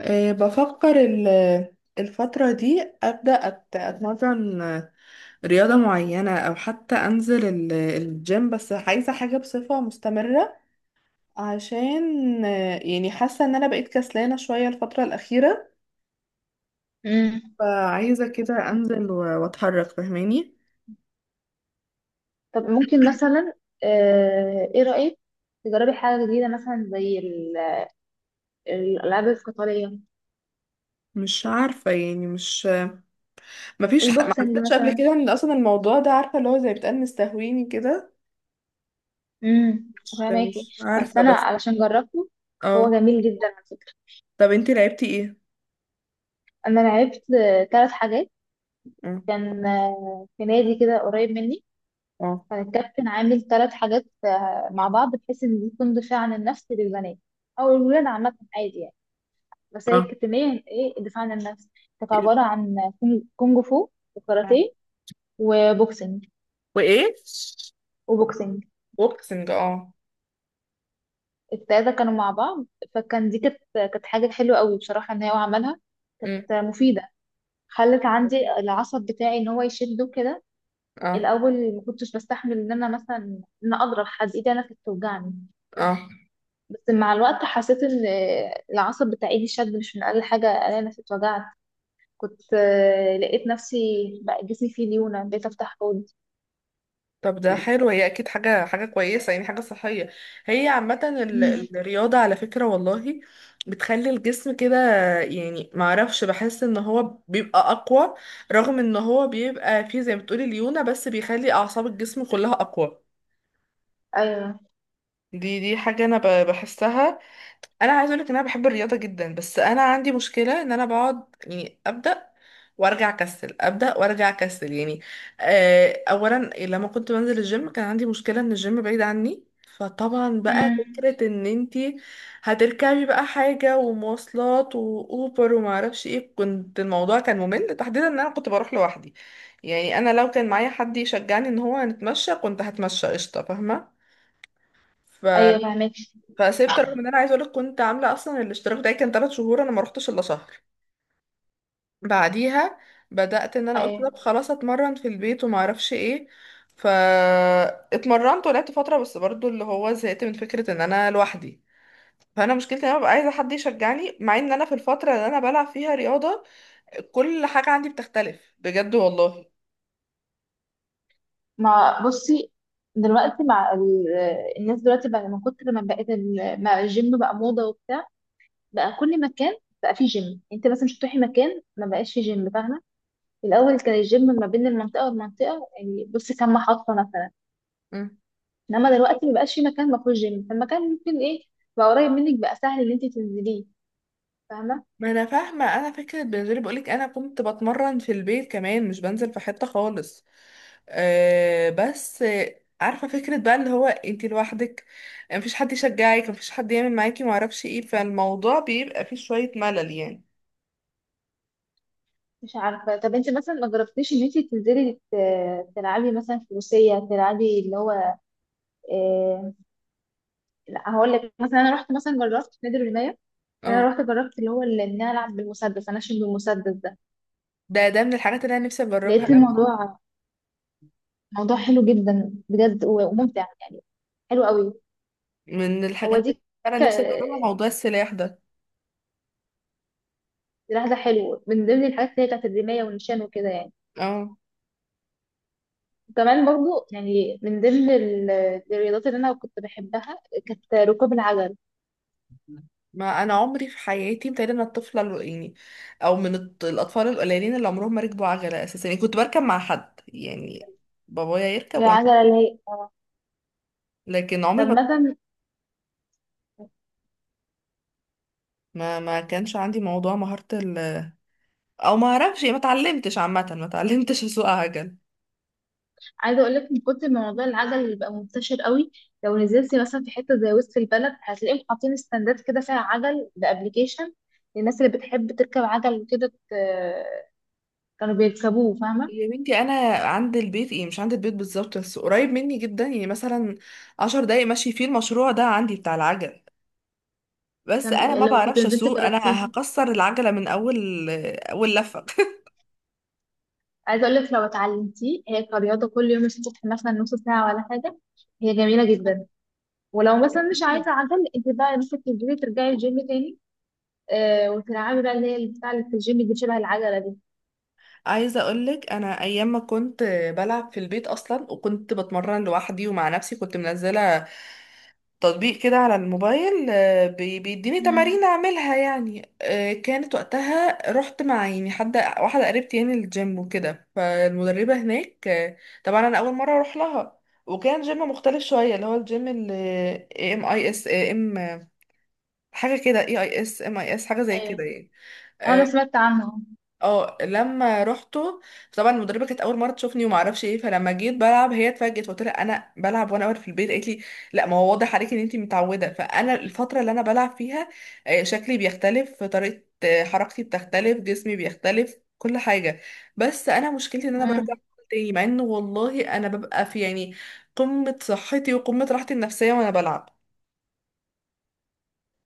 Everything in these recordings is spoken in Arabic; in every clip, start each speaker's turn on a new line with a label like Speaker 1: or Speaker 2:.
Speaker 1: بفكر الفترة دي أبدأ أتمرن رياضة معينة، أو حتى أنزل الجيم. بس عايزة حاجة بصفة مستمرة عشان يعني حاسة إن أنا بقيت كسلانة شوية الفترة الأخيرة.
Speaker 2: امم
Speaker 1: فعايزة كده أنزل وأتحرك، فاهماني؟
Speaker 2: طب ممكن مثلا، ايه رأيك؟ تجربي حاجة جديدة مثلا زي الألعاب القتالية،
Speaker 1: مش عارفة يعني مش مفيش ما
Speaker 2: البوكسنج
Speaker 1: حسيتش قبل
Speaker 2: مثلا.
Speaker 1: كده إن أصلا الموضوع ده، عارفة، اللي هو زي بتقال مستهويني كده.
Speaker 2: امم
Speaker 1: مش
Speaker 2: فاهماكي؟
Speaker 1: مش
Speaker 2: بس
Speaker 1: عارفة
Speaker 2: أنا
Speaker 1: بس.
Speaker 2: علشان جربته،
Speaker 1: اه.
Speaker 2: هو جميل جدا على فكرة.
Speaker 1: طب انتي لعبتي ايه؟
Speaker 2: أنا لعبت تلات حاجات.
Speaker 1: اه.
Speaker 2: كان في نادي كده قريب مني.
Speaker 1: اه.
Speaker 2: كان الكابتن عامل تلات حاجات مع بعض، بحيث إن دي تكون دفاع عن النفس للبنات أو الولاد، عامة عادي يعني. بس هي
Speaker 1: اه.
Speaker 2: الكتمية، إيه الدفاع عن النفس؟ كانت عبارة عن كونج فو
Speaker 1: آه.
Speaker 2: وكاراتيه وبوكسنج
Speaker 1: وايه.
Speaker 2: وبوكسنج
Speaker 1: بوكسنج، اه.
Speaker 2: التلاتة كانوا مع بعض. فكان دي كانت حاجة حلوة قوي بصراحة ان هو عملها. كانت
Speaker 1: امم.
Speaker 2: مفيدة. خلت
Speaker 1: ايوه،
Speaker 2: عندي
Speaker 1: اوكي.
Speaker 2: العصب بتاعي ان هو يشده كده.
Speaker 1: اه.
Speaker 2: الاول ما كنتش بستحمل ان انا مثلا ان اضرب حد، ايدي انا كانت توجعني.
Speaker 1: اه.
Speaker 2: بس مع الوقت حسيت ان العصب بتاع ايدي شد، مش من اقل حاجة انا نفسي اتوجعت. كنت لقيت نفسي بقى جسمي فيه ليونة، بقيت افتح حوض.
Speaker 1: طب ده حلو، هي اكيد حاجه كويسه، يعني حاجه صحيه. هي عامه
Speaker 2: مم.
Speaker 1: الرياضه على فكره والله، بتخلي الجسم كده. يعني ما اعرفش، بحس ان هو بيبقى اقوى، رغم ان هو بيبقى فيه زي ما بتقولي ليونه، بس بيخلي اعصاب الجسم كلها اقوى.
Speaker 2: ايوه.
Speaker 1: دي حاجه انا بحسها. انا عايز اقول لك ان انا بحب الرياضه جدا، بس انا عندي مشكله ان انا بقعد يعني ابدا وارجع اكسل، ابدا وارجع اكسل يعني. اولا لما كنت بنزل الجيم، كان عندي مشكله ان الجيم بعيد عني. فطبعا بقى
Speaker 2: مم.
Speaker 1: فكره ان انتي هتركبي بقى حاجه ومواصلات واوبر وما اعرفش ايه، كنت الموضوع كان ممل تحديدا ان انا كنت بروح لوحدي. يعني انا لو كان معايا حد يشجعني ان هو نتمشى، كنت هتمشى قشطه، فاهمه.
Speaker 2: ايوه، فهمت.
Speaker 1: فسبت، رغم ان انا عايزه اقولك كنت عامله اصلا الاشتراك، ده كان 3 شهور انا ما روحتش الا شهر. بعديها بدات ان انا قلت طب خلاص اتمرن في البيت وما اعرفش ايه. فا اتمرنت ولعبت فتره، بس برضو اللي هو زهقت من فكره ان انا لوحدي. فانا مشكلتي ان انا ببقى عايزه حد يشجعني، مع ان انا في الفتره اللي انا بلعب فيها رياضه، كل حاجه عندي بتختلف بجد والله.
Speaker 2: ما بصي، دلوقتي مع الناس دلوقتي بقى من كتر ما بقت مع الجيم، بقى موضة وبتاع، بقى كل مكان بقى فيه جيم. انت مثلا مش هتروحي مكان ما بقاش فيه جيم، فاهمة؟ الأول كان الجيم ما بين المنطقة والمنطقة، يعني بصي كام محطة مثلا.
Speaker 1: مم.
Speaker 2: انما دلوقتي ما بقاش فيه مكان ما فيهوش جيم، فالمكان ممكن ايه، بقى قريب منك، بقى سهل ان انت تنزليه، فاهمة؟
Speaker 1: ما انا فاهمه، انا فكره بالنسبه لي بقولك انا كنت بتمرن في البيت كمان، مش بنزل في حته خالص. بس عارفة، فكرة بقى اللي هو انتي لوحدك، مفيش حد يشجعك، مفيش حد يعمل معاكي، معرفش ايه، فالموضوع بيبقى فيه شوية ملل يعني.
Speaker 2: مش عارفة، طب انت مثلا ما جربتيش ان انت تنزلي تلعبي مثلا فروسية، تلعبي اللي هو آه، لا، هقول لك مثلا، انا رحت مثلا جربت في نادي الرمايه. يعني انا
Speaker 1: اه،
Speaker 2: رحت جربت اللي هو اللي ان انا العب بالمسدس، انشن بالمسدس ده.
Speaker 1: ده من الحاجات اللي انا نفسي اجربها
Speaker 2: لقيت
Speaker 1: أوي.
Speaker 2: الموضوع موضوع حلو جدا بجد وممتع يعني، حلو قوي.
Speaker 1: من
Speaker 2: هو
Speaker 1: الحاجات اللي
Speaker 2: دي
Speaker 1: انا
Speaker 2: ك...
Speaker 1: نفسي اجربها موضوع السلاح ده.
Speaker 2: سلاح ده حلو من ضمن الحاجات اللي هي بتاعت الرمايه والنشان وكده يعني.
Speaker 1: اه.
Speaker 2: وكمان برضو يعني من ضمن الرياضات اللي انا كنت بحبها، كانت ركوب العجل،
Speaker 1: ما انا عمري في حياتي، متهيألي انا الطفله يعني، او من الاطفال القليلين اللي عمرهم ما ركبوا عجله اساسا، يعني كنت بركب مع حد يعني، بابايا يركب وانا.
Speaker 2: العجله اللي هي.
Speaker 1: لكن عمري
Speaker 2: طب
Speaker 1: ما،
Speaker 2: مثلا،
Speaker 1: ما كانش عندي موضوع مهاره، او ما اعرفش، ما اتعلمتش عامه، ما اتعلمتش اسوق عجل.
Speaker 2: عايزه اقول لك من كتر ما موضوع العجل اللي بقى منتشر قوي، لو نزلتي مثلا في حته زي وسط البلد، هتلاقيهم حاطين ستاندات كده فيها عجل بابلكيشن للناس اللي بتحب تركب عجل وكده، كانوا بيركبوه، فاهمه؟
Speaker 1: يا بنتي، انا عند البيت ايه، مش عند البيت بالظبط، بس قريب مني جدا، يعني مثلا 10 دقايق ماشي، فيه المشروع ده عندي بتاع العجل. بس انا ما
Speaker 2: لو كنت
Speaker 1: بعرفش
Speaker 2: نزلت
Speaker 1: اسوق،
Speaker 2: جربتيه.
Speaker 1: انا هكسر العجله من اول اول لفه
Speaker 2: عايزه اقول لك لو اتعلمتيه هي كرياضه، كل يوم الصبح مثلا نص ساعه ولا حاجه، هي جميله جدا. ولو مثلا مش
Speaker 1: أكيد.
Speaker 2: عايزه عجل، انت بقى ممكن تنزلي ترجعي الجيم تاني، وتلعبي بقى اللي هي بتاع اللي في الجيم دي، شبه العجله دي.
Speaker 1: عايزه اقولك، انا ايام ما كنت بلعب في البيت اصلا، وكنت بتمرن لوحدي ومع نفسي، كنت منزله تطبيق كده على الموبايل، بيديني
Speaker 2: مم.
Speaker 1: تمارين اعملها يعني. كانت وقتها رحت مع يعني حد، واحده قريبتي يعني، الجيم وكده، فالمدربه هناك. طبعا انا اول مره اروح لها، وكان جيم مختلف شويه، اللي هو الجيم اللي ام اي اس ام، حاجه كده، اي اي اس ام اي اس، حاجه زي كده
Speaker 2: ايوه.
Speaker 1: يعني.
Speaker 2: اه،
Speaker 1: آه،
Speaker 2: انا سمعت عنه.
Speaker 1: اه لما روحته، طبعا المدربه كانت اول مره تشوفني وما اعرفش ايه، فلما جيت بلعب هي اتفاجئت. فقلت لها انا بلعب وانا واقفه في البيت، قالت لي لا، ما هو واضح عليكي ان انت متعوده. فانا الفتره اللي انا بلعب فيها شكلي بيختلف، طريقه حركتي بتختلف، جسمي بيختلف، كل حاجه. بس انا مشكلتي ان انا برجع
Speaker 2: مم.
Speaker 1: تاني، مع انه والله انا ببقى في يعني قمه صحتي وقمه راحتي النفسيه وانا بلعب.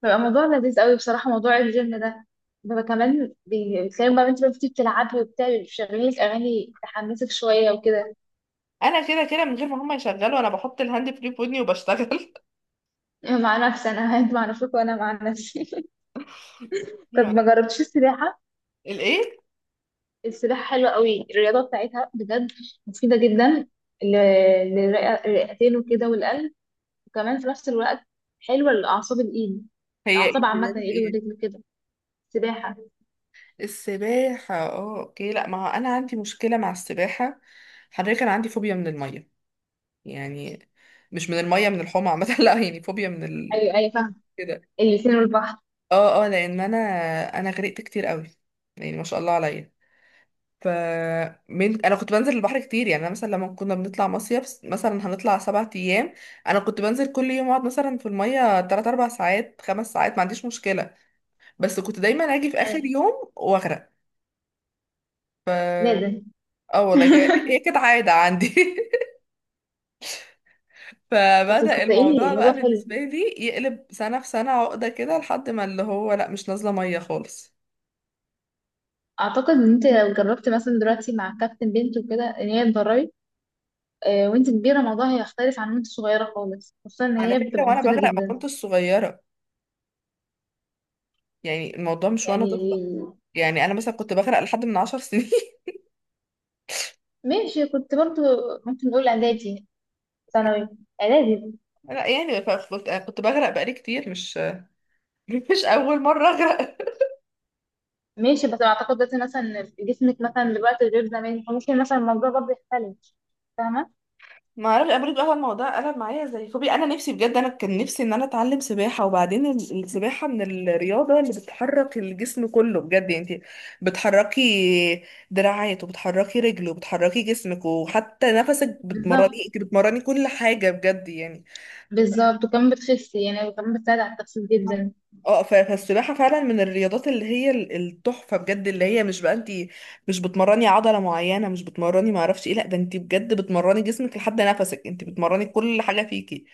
Speaker 2: بيبقى موضوع لذيذ قوي بصراحة، موضوع الجيم ده بيبقى كمان بتلاقي بقى انت بقى بتيجي بتلعبي وبتاع، بيبقى شغالين لك اغاني تحمسك شويه وكده،
Speaker 1: انا كده كده من غير ما هم يشغلوا، انا بحط الهاند فري في ودني وبشتغل.
Speaker 2: مع نفسي انا انت مع نفسك وانا مع نفسي. طب ما جربتش السباحة؟
Speaker 1: الايه؟
Speaker 2: السباحة حلوة قوي، الرياضة بتاعتها بجد مفيدة جدا ل- للرئتين وكده والقلب، وكمان في نفس الوقت حلوة لأعصاب الإيد،
Speaker 1: هي ايه،
Speaker 2: الأعصاب عامة،
Speaker 1: رياضة
Speaker 2: الإيد
Speaker 1: ايه؟
Speaker 2: والرجل كده. سباحة.
Speaker 1: السباحة، اه، اوكي. لا ما هو انا عندي مشكلة مع السباحة. حضرتك انا عندي فوبيا من المية، يعني مش من المية، من الحمى عامة لا يعني فوبيا من
Speaker 2: أيوة، أيوة، فاهمة،
Speaker 1: كده
Speaker 2: الاتنين والبحر.
Speaker 1: اه. اه، لان انا انا غرقت كتير قوي، يعني ما شاء الله عليا. ف من انا كنت بنزل البحر كتير، يعني انا مثلا لما كنا بنطلع مصيف مثلا هنطلع 7 ايام، انا كنت بنزل كل يوم، اقعد مثلا في المية 3 4 ساعات، 5 ساعات، ما عنديش مشكلة. بس كنت دايما اجي في اخر
Speaker 2: أيوة،
Speaker 1: يوم واغرق. ف
Speaker 2: لازم.
Speaker 1: اه والله، هي كانت عادة عندي
Speaker 2: بس
Speaker 1: فبدأ
Speaker 2: صدقيني
Speaker 1: الموضوع
Speaker 2: الموضوع
Speaker 1: بقى بالنسبة
Speaker 2: حلو،
Speaker 1: لي يقلب سنة في سنة عقدة كده، لحد ما اللي هو لا، مش نازلة مية خالص.
Speaker 2: اعتقد ان انت لو جربت مثلا دلوقتي مع كابتن بنت وكده ان هي تدربي، وانت كبيره الموضوع هيختلف عن وانت صغيره خالص، خصوصا ان
Speaker 1: على
Speaker 2: هي
Speaker 1: فكرة
Speaker 2: بتبقى
Speaker 1: وانا
Speaker 2: مفيده
Speaker 1: بغرق ما
Speaker 2: جدا.
Speaker 1: كنتش صغيرة، يعني الموضوع مش وانا طفلة.
Speaker 2: يعني
Speaker 1: يعني انا مثلا كنت بغرق لحد من 10 سنين
Speaker 2: ماشي، كنت برضو ممكن نقول اعدادي، ثانوي، اعدادي.
Speaker 1: لا يعني كنت بغرق بقالي كتير، مش مش اول مرة اغرق.
Speaker 2: ماشي، بس اعتقد دلوقتي مثلا جسمك مثلا دلوقتي غير زمان، فممكن مثلا الموضوع برضو يختلف، فاهمه؟
Speaker 1: ما اعرفش، انا برضه بقى الموضوع قلب معايا زي فوبيا، انا نفسي بجد، انا كان نفسي ان انا اتعلم سباحه. وبعدين السباحه من الرياضه اللي بتحرك الجسم كله بجد، يعني انت بتحركي دراعات وبتحركي رجل وبتحركي جسمك، وحتى نفسك بتمرني،
Speaker 2: بالظبط،
Speaker 1: انت بتمرني كل حاجه بجد يعني.
Speaker 2: بالظبط. وكمان بتخسي يعني، وكمان بتساعد على التخسيس جدا.
Speaker 1: اه، فالسباحه فعلا من الرياضات اللي هي التحفه بجد، اللي هي مش بقى، انت مش بتمرني عضله معينه، مش بتمرني ما اعرفش ايه، لا، ده انت بجد بتمرني جسمك لحد نفسك، انت بتمرني كل حاجه فيكي.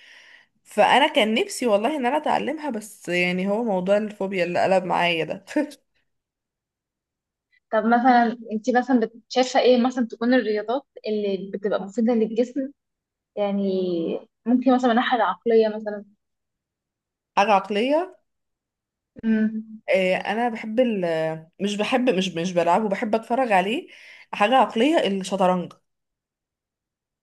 Speaker 1: فانا كان نفسي والله ان انا اتعلمها، بس يعني هو موضوع الفوبيا اللي قلب معايا ده.
Speaker 2: طب مثلا انت مثلا شايفه ايه مثلا تكون الرياضات اللي بتبقى مفيده للجسم؟ يعني ممكن مثلا من الناحيه العقليه مثلا.
Speaker 1: حاجه عقليه.
Speaker 2: امم
Speaker 1: انا بحب مش بحب مش بلعبه، بحب اتفرج عليه. حاجه عقليه، الشطرنج.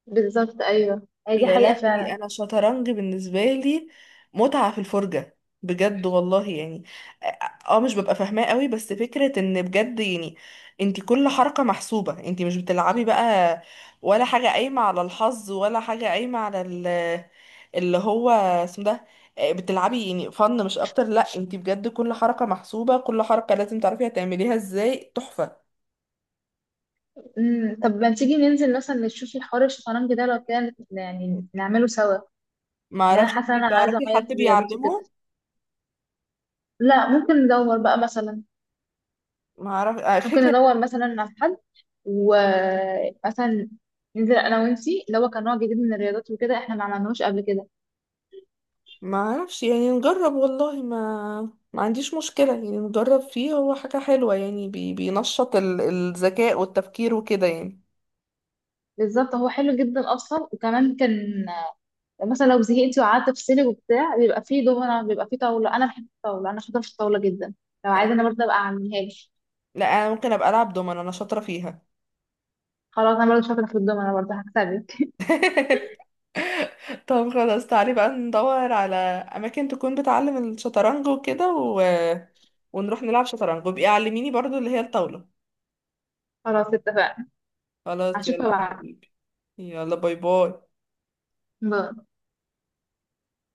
Speaker 2: بالظبط، ايوه هي دي
Speaker 1: يا
Speaker 2: حقيقه
Speaker 1: لهوي،
Speaker 2: فعلا.
Speaker 1: انا شطرنج بالنسبه لي متعه في الفرجه بجد والله يعني. اه. مش ببقى فاهماه قوي، بس فكره ان بجد يعني انت كل حركه محسوبه، انت مش بتلعبي بقى ولا حاجه قايمه على الحظ، ولا حاجه قايمه على اللي هو اسمه ده، بتلعبي يعني فن مش اكتر. لا، انت بجد كل حركه محسوبه، كل حركه لازم تعرفي هتعمليها ازاي، تحفه.
Speaker 2: طب ما تيجي ننزل مثلا نشوف الحوار الشطرنج ده لو كان، يعني نعمله سوا؟
Speaker 1: ما
Speaker 2: لان انا
Speaker 1: اعرفش،
Speaker 2: حاسه ان
Speaker 1: انت
Speaker 2: انا عايزه
Speaker 1: تعرفي
Speaker 2: اغير
Speaker 1: حد
Speaker 2: في الرياضات وكده،
Speaker 1: بيعلمه؟
Speaker 2: لا ممكن ندور بقى مثلا،
Speaker 1: ما اعرف
Speaker 2: ممكن ندور مثلا على حد، ومثلا ننزل انا وانتي اللي هو كان نوع جديد من الرياضات وكده احنا ما عملناهوش قبل كده.
Speaker 1: ما اعرفش يعني، نجرب والله، ما ما عنديش مشكلة، يعني نجرب فيه، هو حاجة حلوة، يعني بينشط الذكاء والتفكير وكده يعني.
Speaker 2: بالظبط، هو حلو جدا اصلا، وكمان كان مثلا لو زهقتي وقعدت افصلك وبتاع، بيبقى فيه دومنة، بيبقى فيه طاوله، انا بحب الطاوله، انا شاطره في الطاوله جدا، لو عايزه انا برضه ابقى اعملها لك.
Speaker 1: لا انا ممكن ابقى العب دومنة، انا شاطرة فيها.
Speaker 2: خلاص، انا برضه شاطره في الدومنة، برضه هكسبك.
Speaker 1: طب خلاص، تعالي بقى ندور على اماكن تكون بتعلم الشطرنج وكده ونروح نلعب شطرنج، وبقي علميني برضو اللي هي الطاولة.
Speaker 2: خلاص، اتفقنا.
Speaker 1: خلاص
Speaker 2: هشوفها
Speaker 1: يلا
Speaker 2: بعد.
Speaker 1: حبيبي. يلا باي باي.
Speaker 2: باي.